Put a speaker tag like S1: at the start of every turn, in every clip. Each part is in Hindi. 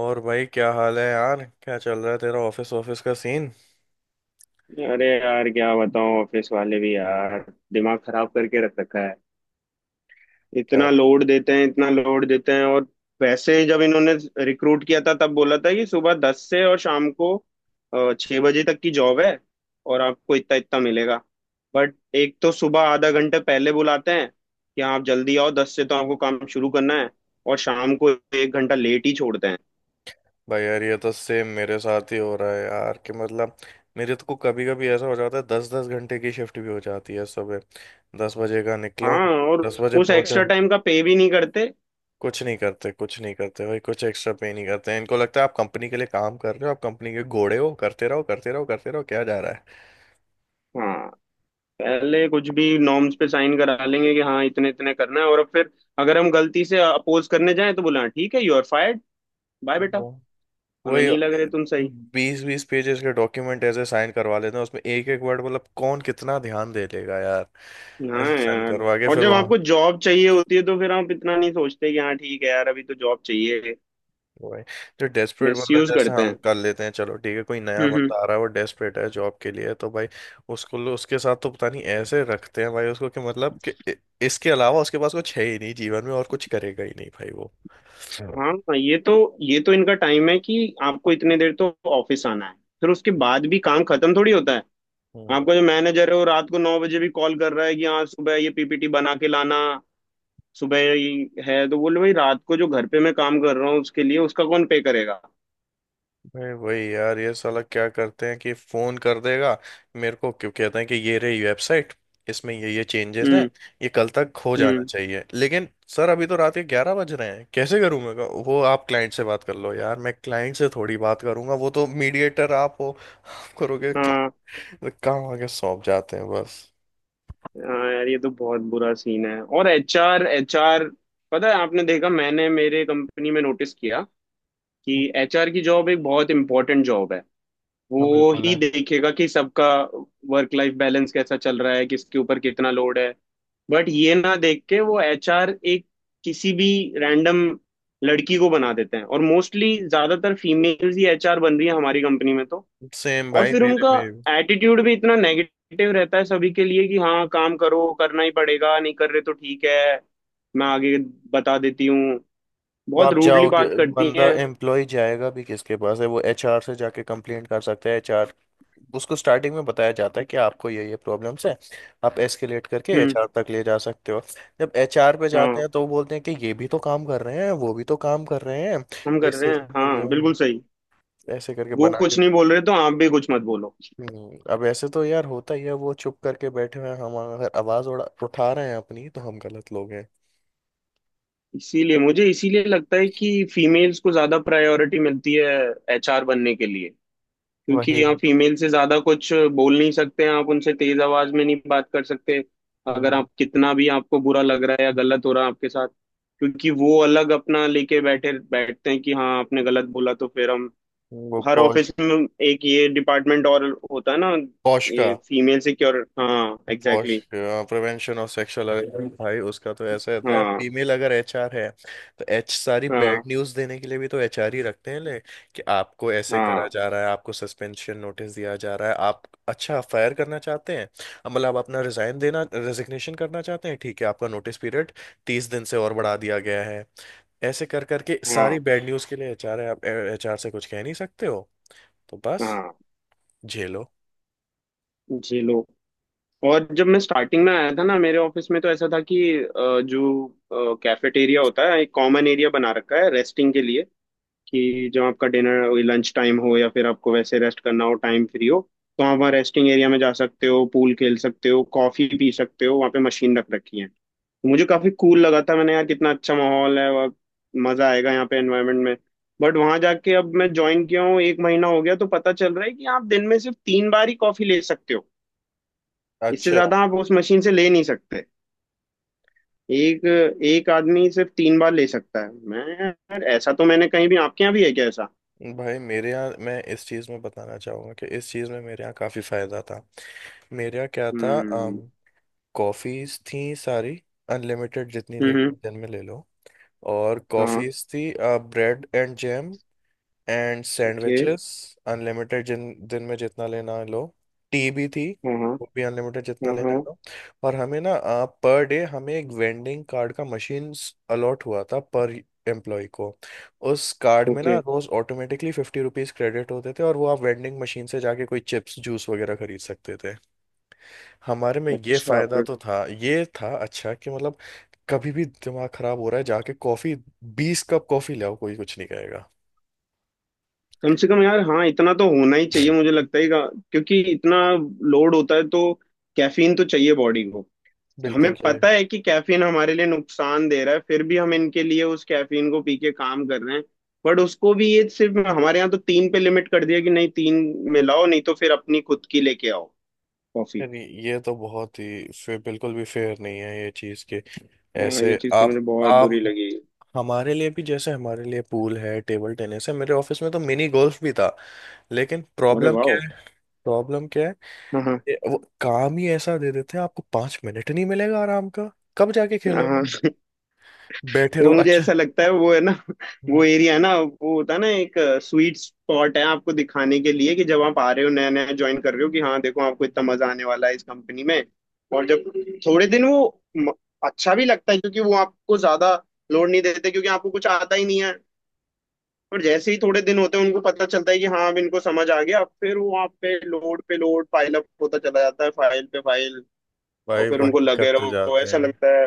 S1: और भाई क्या हाल है यार? क्या चल रहा है तेरा? ऑफिस ऑफिस का सीन
S2: अरे यार क्या बताऊं, ऑफिस वाले भी यार दिमाग खराब करके रख रखा है।
S1: क्या?
S2: इतना लोड देते हैं इतना लोड देते हैं। और वैसे जब इन्होंने रिक्रूट किया था तब बोला था कि सुबह 10 से और शाम को 6 बजे तक की जॉब है, और आपको इतना इतना मिलेगा। बट एक तो सुबह आधा घंटे पहले बुलाते हैं कि आप जल्दी आओ, 10 से तो आपको काम शुरू करना है, और शाम को एक घंटा लेट ही छोड़ते हैं।
S1: भाई यार ये तो सेम मेरे साथ ही हो रहा है यार कि मतलब मेरे तो को कभी कभी ऐसा हो जाता है दस दस घंटे की शिफ्ट भी हो जाती है। सुबह दस बजे का निकला
S2: हाँ।
S1: हूँ,
S2: और
S1: दस बजे
S2: उस
S1: पहुंचा
S2: एक्स्ट्रा
S1: हूँ।
S2: टाइम का पे भी नहीं करते।
S1: कुछ नहीं करते, कुछ नहीं करते भाई, कुछ एक्स्ट्रा पे नहीं करते। इनको लगता है आप कंपनी के लिए काम कर रहे हो, आप कंपनी के घोड़े हो, करते रहो करते रहो करते रहो। क्या जा रहा है?
S2: हाँ। पहले कुछ भी नॉर्म्स पे साइन करा लेंगे कि हाँ इतने इतने करना है, और अब फिर अगर हम गलती से अपोज करने जाएं तो बोला ठीक है, यू आर फायर्ड, बाय बेटा।
S1: वो।
S2: हमें
S1: वही।
S2: नहीं लग रहे तुम सही।
S1: बीस बीस पेजेस के डॉक्यूमेंट ऐसे साइन करवा लेते हैं, उसमें एक एक वर्ड मतलब कौन कितना ध्यान दे लेगा यार?
S2: हाँ
S1: ऐसे साइन
S2: यार।
S1: करवा के
S2: और
S1: फिर
S2: जब
S1: वहाँ।
S2: आपको जॉब चाहिए होती है तो फिर आप इतना नहीं सोचते, कि हाँ ठीक है यार अभी तो जॉब चाहिए।
S1: वही, जो डेस्परेट
S2: मिस
S1: बंदा,
S2: यूज
S1: जैसे
S2: करते
S1: हम
S2: हैं।
S1: कर लेते हैं, चलो ठीक है, कोई नया
S2: हम्म, हम्म।
S1: बंदा आ रहा है, वो डेस्परेट है जॉब के लिए, तो भाई उसको, उसके साथ तो पता नहीं ऐसे रखते हैं भाई उसको, कि मतलब कि इसके अलावा उसके पास कुछ है ही नहीं जीवन में और कुछ करेगा ही नहीं भाई वो।
S2: हाँ ये तो, ये तो इनका टाइम है कि आपको इतने देर तो ऑफिस आना है, फिर उसके बाद भी काम खत्म थोड़ी होता है।
S1: हम्म।
S2: आपका जो मैनेजर है वो रात को 9 बजे भी कॉल कर रहा है कि हाँ सुबह ये पीपीटी बना के लाना, सुबह ही है तो बोले भाई रात को जो घर पे मैं काम कर रहा हूँ उसके लिए उसका कौन पे करेगा।
S1: अरे वही यार, ये साला क्या करते हैं कि फोन कर देगा। मेरे को क्यों कहते हैं कि ये रही वेबसाइट, इसमें ये चेंजेस हैं,
S2: हम्म।
S1: ये कल तक हो जाना
S2: हम्म।
S1: चाहिए। लेकिन सर अभी तो रात के 11 बज रहे हैं, कैसे करूं मैं? कहा, वो आप क्लाइंट से बात कर लो यार। मैं क्लाइंट से थोड़ी बात करूंगा, वो तो मीडिएटर आप हो, करोगे
S2: हाँ।
S1: काम आगे सौंप जाते हैं बस।
S2: हाँ यार, ये तो बहुत बुरा सीन है। और एचआर, एचआर पता है, आपने देखा, मैंने मेरे कंपनी में नोटिस किया कि एचआर की जॉब एक बहुत इंपॉर्टेंट जॉब है।
S1: हाँ
S2: वो
S1: बिल्कुल
S2: ही
S1: है।
S2: देखेगा कि सबका वर्क लाइफ बैलेंस कैसा चल रहा है, किसके ऊपर कितना लोड है। बट ये ना देख के, वो एचआर एक किसी भी रैंडम लड़की को बना देते हैं, और मोस्टली ज्यादातर फीमेल्स ही एचआर बन रही है हमारी कंपनी में तो।
S1: सेम
S2: और
S1: भाई
S2: फिर
S1: मेरे
S2: उनका
S1: में भी।
S2: एटीट्यूड भी इतना नेगेटिव रहता है सभी के लिए कि हाँ काम करो, करना ही पड़ेगा, नहीं कर रहे तो ठीक है मैं आगे बता देती हूँ।
S1: वो आप
S2: बहुत
S1: बहुत सारी
S2: रूडली
S1: चाहोगे।
S2: बात करती
S1: बंदा
S2: हैं।
S1: एम्प्लॉय जाएगा भी किसके पास है? वो एचआर से जाके कंप्लेंट कर सकता है। एचआर उसको स्टार्टिंग में बताया जाता है कि आपको ये प्रॉब्लम्स है, आप एस्केलेट करके
S2: हम्म।
S1: एचआर तक ले जा सकते हो। जब एचआर पे जाते
S2: हाँ
S1: हैं तो वो बोलते हैं कि ये भी तो काम कर रहे हैं, वो भी तो काम कर रहे हैं।
S2: हम
S1: ये
S2: कर रहे
S1: सिर्फ
S2: हैं, हाँ
S1: ये
S2: बिल्कुल सही।
S1: ऐसे करके
S2: वो
S1: बना के।
S2: कुछ नहीं बोल रहे तो आप भी कुछ मत बोलो।
S1: अब ऐसे तो यार होता ही है। वो चुप करके बैठे हुए हैं, हम अगर आवाज उड़ा उठा रहे हैं अपनी तो हम गलत लोग हैं।
S2: इसीलिए मुझे, इसीलिए लगता है कि फीमेल्स को ज्यादा प्रायोरिटी मिलती है एचआर बनने के लिए, क्योंकि
S1: वही
S2: यहाँ
S1: है।
S2: फीमेल से ज्यादा कुछ बोल नहीं सकते हैं आप, उनसे तेज आवाज में नहीं बात कर सकते। अगर
S1: हम्म।
S2: आप, कितना भी आपको बुरा लग रहा है या गलत हो रहा है आपके साथ, क्योंकि वो अलग अपना लेके बैठे बैठते हैं कि हाँ आपने गलत बोला तो फिर हम।
S1: वो
S2: हर
S1: पौश,
S2: ऑफिस में एक ये डिपार्टमेंट और होता है ना,
S1: पौश का,
S2: ये फीमेल सिक्योर। हाँ,
S1: पहुंच,
S2: exactly,
S1: prevention of sexual available भाई, उसका तो
S2: exactly,
S1: ऐसा रहता है।
S2: हाँ।
S1: फीमेल अगर एचआर है तो एच सारी बैड
S2: हाँ।
S1: न्यूज देने के लिए भी तो एचआर ही रखते हैं। ले कि आपको ऐसे करा
S2: हाँ।
S1: जा रहा है, आपको सस्पेंशन नोटिस दिया जा रहा है, आप, अच्छा फायर करना चाहते हैं, अब मतलब आप अपना रिजाइन देना, रेजिग्नेशन करना चाहते हैं, ठीक है आपका नोटिस पीरियड 30 दिन से और बढ़ा दिया गया है। ऐसे कर करके सारी
S2: हाँ।
S1: बैड न्यूज के लिए एचआर है, आप एचआर से कुछ कह नहीं सकते हो। तो बस
S2: हाँ।
S1: झेलो।
S2: जी लो। और जब मैं स्टार्टिंग में आया था ना मेरे ऑफिस में तो ऐसा था कि, जो कैफेटेरिया होता है, एक कॉमन एरिया बना रखा है रेस्टिंग के लिए, कि जब आपका डिनर लंच टाइम हो या फिर आपको वैसे रेस्ट करना हो, टाइम फ्री हो, तो आप वहाँ रेस्टिंग एरिया में जा सकते हो, पूल खेल सकते हो, कॉफी पी सकते हो, वहाँ पे मशीन रख रखी है। तो मुझे काफी कूल लगा था, मैंने यार कितना अच्छा माहौल है और मजा आएगा यहाँ पे एनवायरनमेंट में। बट वहां जाके अब मैं ज्वाइन किया हूँ, एक महीना हो गया, तो पता चल रहा है कि आप दिन में सिर्फ 3 बार ही कॉफी ले सकते हो। इससे
S1: अच्छा
S2: ज्यादा आप उस मशीन से ले नहीं सकते। एक, एक आदमी सिर्फ 3 बार ले सकता है। मैं यार, ऐसा तो मैंने कहीं भी, आपके यहाँ भी है क्या ऐसा?
S1: भाई, मेरे यहाँ, मैं इस चीज़ में बताना चाहूँगा कि इस चीज़ में मेरे यहाँ काफ़ी फ़ायदा था। मेरे यहाँ क्या था?
S2: हम्म,
S1: कॉफ़ीज़ थी सारी, अनलिमिटेड, जितनी
S2: हम्म,
S1: ले दिन में ले लो। और
S2: हाँ,
S1: कॉफ़ीज़ थी, bread and jam and
S2: okay,
S1: sandwiches, unlimited, जिन दिन में जितना लेना है लो। टी भी थी,
S2: हाँ, हाँ,
S1: वो भी अनलिमिटेड, जितना
S2: हाँ,
S1: लेना है
S2: हाँ,
S1: लो। और हमें ना पर डे हमें एक वेंडिंग कार्ड का मशीन अलॉट हुआ था पर एम्प्लॉय को। उस कार्ड में
S2: ओके,
S1: ना रोज ऑटोमेटिकली 50 रुपीज क्रेडिट होते थे और वो आप वेंडिंग मशीन से जाके कोई चिप्स, जूस वगैरह खरीद सकते थे। हमारे में ये
S2: अच्छा,
S1: फायदा
S2: फिर।
S1: तो था, ये था अच्छा, कि मतलब कभी भी दिमाग खराब हो रहा है, जाके कॉफी, 20 कप कॉफी ले आओ, कोई कुछ नहीं कहेगा।
S2: कम से कम यार, हाँ इतना तो होना ही चाहिए, मुझे लगता है क्योंकि इतना लोड होता है तो कैफीन तो चाहिए बॉडी को। तो हमें
S1: बिल्कुल से।
S2: पता है कि कैफीन हमारे लिए नुकसान दे रहा है, फिर भी हम इनके लिए उस कैफीन को पी के काम कर रहे हैं। बट उसको भी ये सिर्फ हमारे यहाँ तो 3 पे लिमिट कर दिया, कि नहीं 3 में लाओ, नहीं तो फिर अपनी खुद की लेके आओ, कॉफी।
S1: यानी ये तो बहुत ही, फिर बिल्कुल भी फेयर नहीं है ये चीज़ कि
S2: हाँ
S1: ऐसे
S2: ये चीज तो
S1: आप
S2: मुझे बहुत
S1: आप
S2: बुरी लगी।
S1: हमारे लिए भी, जैसे हमारे लिए पूल है, टेबल टेनिस है, मेरे ऑफिस में तो मिनी गोल्फ भी था, लेकिन
S2: अरे
S1: प्रॉब्लम क्या
S2: वाह।
S1: है, प्रॉब्लम क्या है,
S2: हाँ।
S1: ये वो काम ही ऐसा दे देते हैं, आपको 5 मिनट नहीं मिलेगा आराम का, कब जाके
S2: हाँ। हाँ।
S1: खेलोगे? बैठे
S2: वो
S1: रहो
S2: मुझे
S1: अच्छा।
S2: ऐसा लगता है, वो है ना वो
S1: हम्म।
S2: एरिया है ना, वो होता है ना एक स्वीट स्पॉट है आपको दिखाने के लिए, कि जब आप आ रहे हो नया नया ज्वाइन कर रहे हो, कि हाँ देखो आपको इतना मजा आने वाला है इस कंपनी में। और जब थोड़े दिन अच्छा भी लगता है, क्योंकि वो आपको ज्यादा लोड नहीं देते, क्योंकि आपको कुछ आता ही नहीं है। और जैसे ही थोड़े दिन होते हैं उनको पता चलता है कि हाँ अब इनको समझ आ गया, फिर वो आप पे लोड पे लोड, फाइल अप होता चला जाता है, फाइल पे फाइल। और
S1: भाई
S2: फिर उनको
S1: वही
S2: लगे
S1: करते
S2: रहो
S1: जाते
S2: ऐसा
S1: हैं।
S2: लगता है।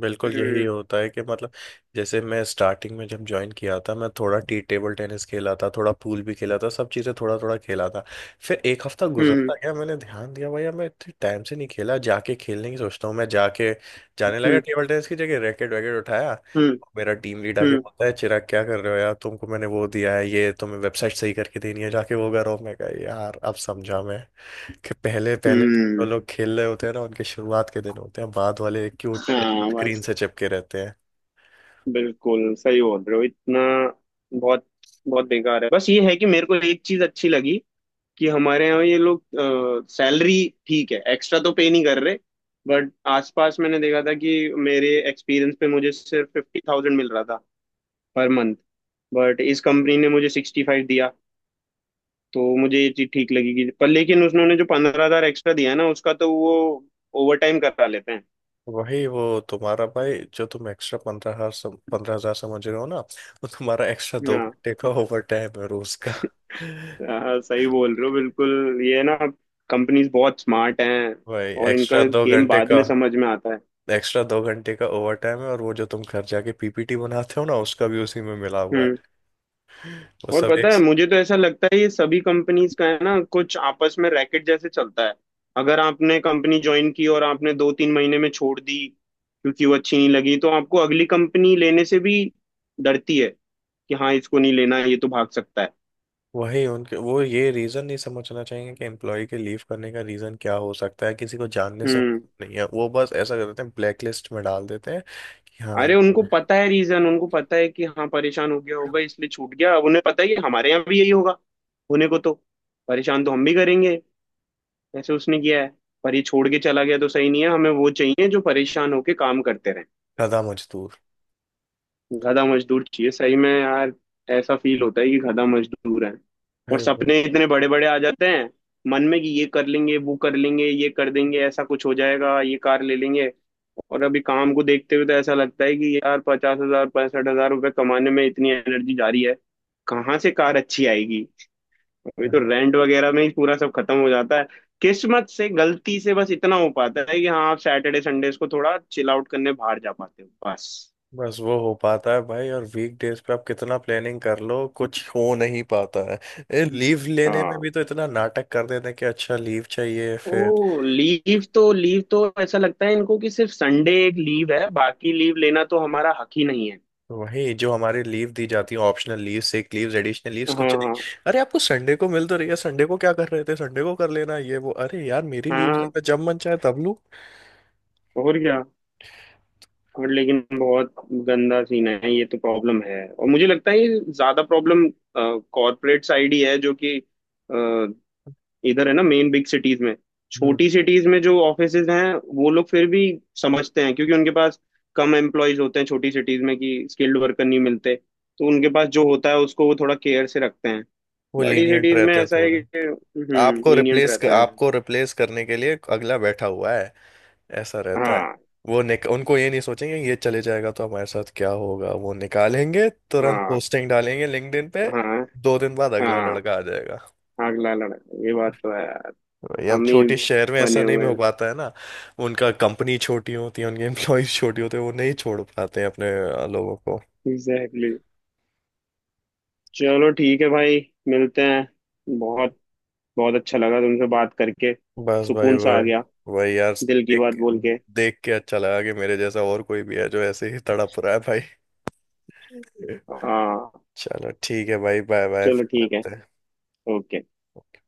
S1: बिल्कुल यही
S2: हम्म,
S1: होता है कि मतलब जैसे मैं स्टार्टिंग में जब ज्वाइन किया था मैं थोड़ा टी टेबल टेनिस खेला था, थोड़ा पूल भी खेला था, सब चीज़ें थोड़ा थोड़ा खेला था। फिर एक हफ्ता
S2: हम्म,
S1: गुजरता गया, मैंने ध्यान दिया भैया मैं इतने टाइम से नहीं खेला, जाके खेलने की सोचता हूँ। मैं जाके, जाने लगा
S2: हम्म,
S1: टेबल टेनिस की जगह, रैकेट वैकेट उठाया,
S2: हम्म,
S1: मेरा टीम लीड आके
S2: हम्म,
S1: बोलता है, चिराग क्या कर रहे हो यार? तुमको मैंने वो दिया है, ये तुम्हें वेबसाइट सही करके देनी है, जाके वो करो। मैं कहा यार अब समझा मैं कि पहले पहले जो
S2: हम्म।
S1: लोग खेल रहे होते हैं ना उनके शुरुआत के दिन होते हैं, बाद वाले क्यों
S2: हाँ,
S1: स्क्रीन
S2: बस।
S1: से चिपके रहते हैं।
S2: बिल्कुल सही बोल रहे हो, इतना बहुत बहुत बेकार है। बस ये है कि मेरे को एक चीज अच्छी लगी, कि हमारे यहाँ ये लोग सैलरी, ठीक है एक्स्ट्रा तो पे नहीं कर रहे, बट आसपास मैंने देखा था कि मेरे एक्सपीरियंस पे मुझे सिर्फ 50,000 मिल रहा था पर मंथ। बट इस कंपनी ने मुझे 65 दिया। तो मुझे ये चीज ठीक लगी, कि पर लेकिन उन्होंने जो 15,000 एक्स्ट्रा दिया है ना, उसका तो वो ओवर टाइम करा लेते हैं।
S1: वही, वो तुम्हारा भाई, जो तुम एक्स्ट्रा 15,000 15,000 समझ रहे हो ना, वो तुम्हारा एक्स्ट्रा दो
S2: हाँ।
S1: घंटे का ओवर टाइम है रोज का।
S2: हाँ, सही बोल रहे हो बिल्कुल, ये ना कंपनीज बहुत स्मार्ट हैं
S1: भाई
S2: और
S1: एक्स्ट्रा
S2: इनका
S1: दो
S2: गेम
S1: घंटे
S2: बाद
S1: का,
S2: में समझ में आता है।
S1: एक्स्ट्रा 2 घंटे का ओवर टाइम है, और वो जो तुम घर जाके पीपीटी बनाते हो ना उसका भी उसी में मिला हुआ है।
S2: हम्म।
S1: वो
S2: और
S1: सब
S2: पता
S1: एक।
S2: है, मुझे तो ऐसा लगता है ये सभी कंपनीज का है ना, कुछ आपस में रैकेट जैसे चलता है, अगर आपने कंपनी ज्वाइन की और आपने दो तीन महीने में छोड़ दी क्योंकि वो अच्छी नहीं लगी तो आपको अगली कंपनी लेने से भी डरती है, कि हाँ इसको नहीं लेना, ये तो भाग सकता है।
S1: वही उनके वो, ये रीजन नहीं समझना चाहिए कि एम्प्लॉय के लीव करने का रीजन क्या हो सकता है, किसी को जानने से
S2: हम्म।
S1: नहीं है, वो बस ऐसा कर देते हैं ब्लैक लिस्ट में डाल देते हैं कि हाँ ये
S2: अरे उनको पता है रीजन, उनको पता है कि हाँ परेशान हो गया होगा इसलिए छूट गया, अब उन्हें पता है कि हमारे यहाँ भी यही होगा, होने को तो परेशान तो हम भी करेंगे, ऐसे उसने किया है, पर ये छोड़ के चला गया तो सही नहीं है, हमें वो चाहिए जो परेशान होके काम करते रहे।
S1: गधा मजदूर।
S2: गधा मजदूर चाहिए सही में यार, ऐसा फील होता है कि गधा मजदूर है। और
S1: भाई
S2: सपने इतने बड़े बड़े आ जाते हैं मन में, कि ये कर लेंगे वो कर लेंगे ये कर देंगे, ऐसा कुछ हो जाएगा, ये कार ले लेंगे। और अभी काम को देखते हुए तो ऐसा लगता है कि यार 50,000, 65,000 रुपये कमाने में इतनी एनर्जी जा रही है, कहाँ से कार अच्छी आएगी। अभी
S1: वो-
S2: तो रेंट वगैरह में ही पूरा सब खत्म हो जाता है। किस्मत से, गलती से, बस इतना हो पाता है कि हाँ आप सैटरडे संडेज को थोड़ा चिल आउट करने बाहर जा पाते हो, बस।
S1: बस वो हो पाता है भाई। और वीक डेज पे आप कितना प्लानिंग कर लो कुछ हो नहीं पाता है, लीव लेने में
S2: हाँ।
S1: भी तो इतना नाटक कर देते हैं कि अच्छा लीव चाहिए?
S2: ओ लीव तो, लीव तो ऐसा लगता है इनको कि सिर्फ संडे एक लीव है, बाकी लीव लेना तो हमारा हक ही नहीं है।
S1: वही, जो हमारे लीव दी जाती है, optional leave, sick leaves, additional leaves,
S2: हाँ,
S1: कुछ
S2: हाँ,
S1: नहीं, अरे आपको संडे को मिल तो रही है, संडे को क्या कर रहे थे, संडे को कर लेना ये वो, अरे यार मेरी लीव्स है,
S2: हाँ।
S1: मैं जब मन चाहे तब लूं।
S2: और क्या। और लेकिन बहुत गंदा सीन है, ये तो प्रॉब्लम है, और मुझे लगता है ये ज्यादा प्रॉब्लम कॉरपोरेट साइड ही है, जो कि अ, इधर है ना मेन बिग सिटीज में।
S1: हम्म।
S2: छोटी सिटीज में जो ऑफिसेज हैं, वो लोग फिर भी समझते हैं, क्योंकि उनके पास कम एम्प्लॉयज होते हैं छोटी सिटीज में, कि स्किल्ड वर्कर नहीं मिलते, तो उनके पास जो होता है उसको वो थोड़ा केयर से रखते हैं।
S1: वो
S2: बड़ी
S1: लीनियंट
S2: सिटीज में
S1: रहते हैं
S2: ऐसा है
S1: थोड़े।
S2: कि, हम्म, लीनियंट रहते हैं।
S1: आपको रिप्लेस करने के लिए अगला बैठा हुआ है, ऐसा रहता है।
S2: हाँ।
S1: वो निक उनको ये नहीं सोचेंगे ये चले जाएगा तो हमारे साथ क्या होगा, वो निकालेंगे तुरंत,
S2: हाँ।
S1: पोस्टिंग डालेंगे लिंक्डइन पे,
S2: हाँ।
S1: 2 दिन बाद अगला
S2: हाँ।
S1: लड़का आ जाएगा।
S2: अगला लड़का, ये बात तो है यार,
S1: भाई अब
S2: हम ही
S1: छोटे शहर में ऐसा
S2: बने
S1: नहीं
S2: हुए
S1: हो
S2: हैं।
S1: पाता है ना, उनका कंपनी छोटी होती है, उनके एम्प्लॉयज छोटे होते हैं, वो नहीं छोड़ पाते हैं अपने लोगों को।
S2: Exactly, exactly. चलो ठीक है भाई, मिलते हैं, बहुत बहुत अच्छा लगा तुमसे बात करके,
S1: बस भाई
S2: सुकून सा आ
S1: वही,
S2: गया
S1: वही यार,
S2: दिल की बात
S1: देख
S2: बोल के।
S1: देख के अच्छा लगा कि मेरे जैसा और कोई भी है जो ऐसे ही तड़प रहा है भाई।
S2: हाँ,
S1: चलो ठीक है भाई, बाय बाय,
S2: चलो
S1: फिर
S2: ठीक है,
S1: मिलते
S2: ओके।
S1: हैं।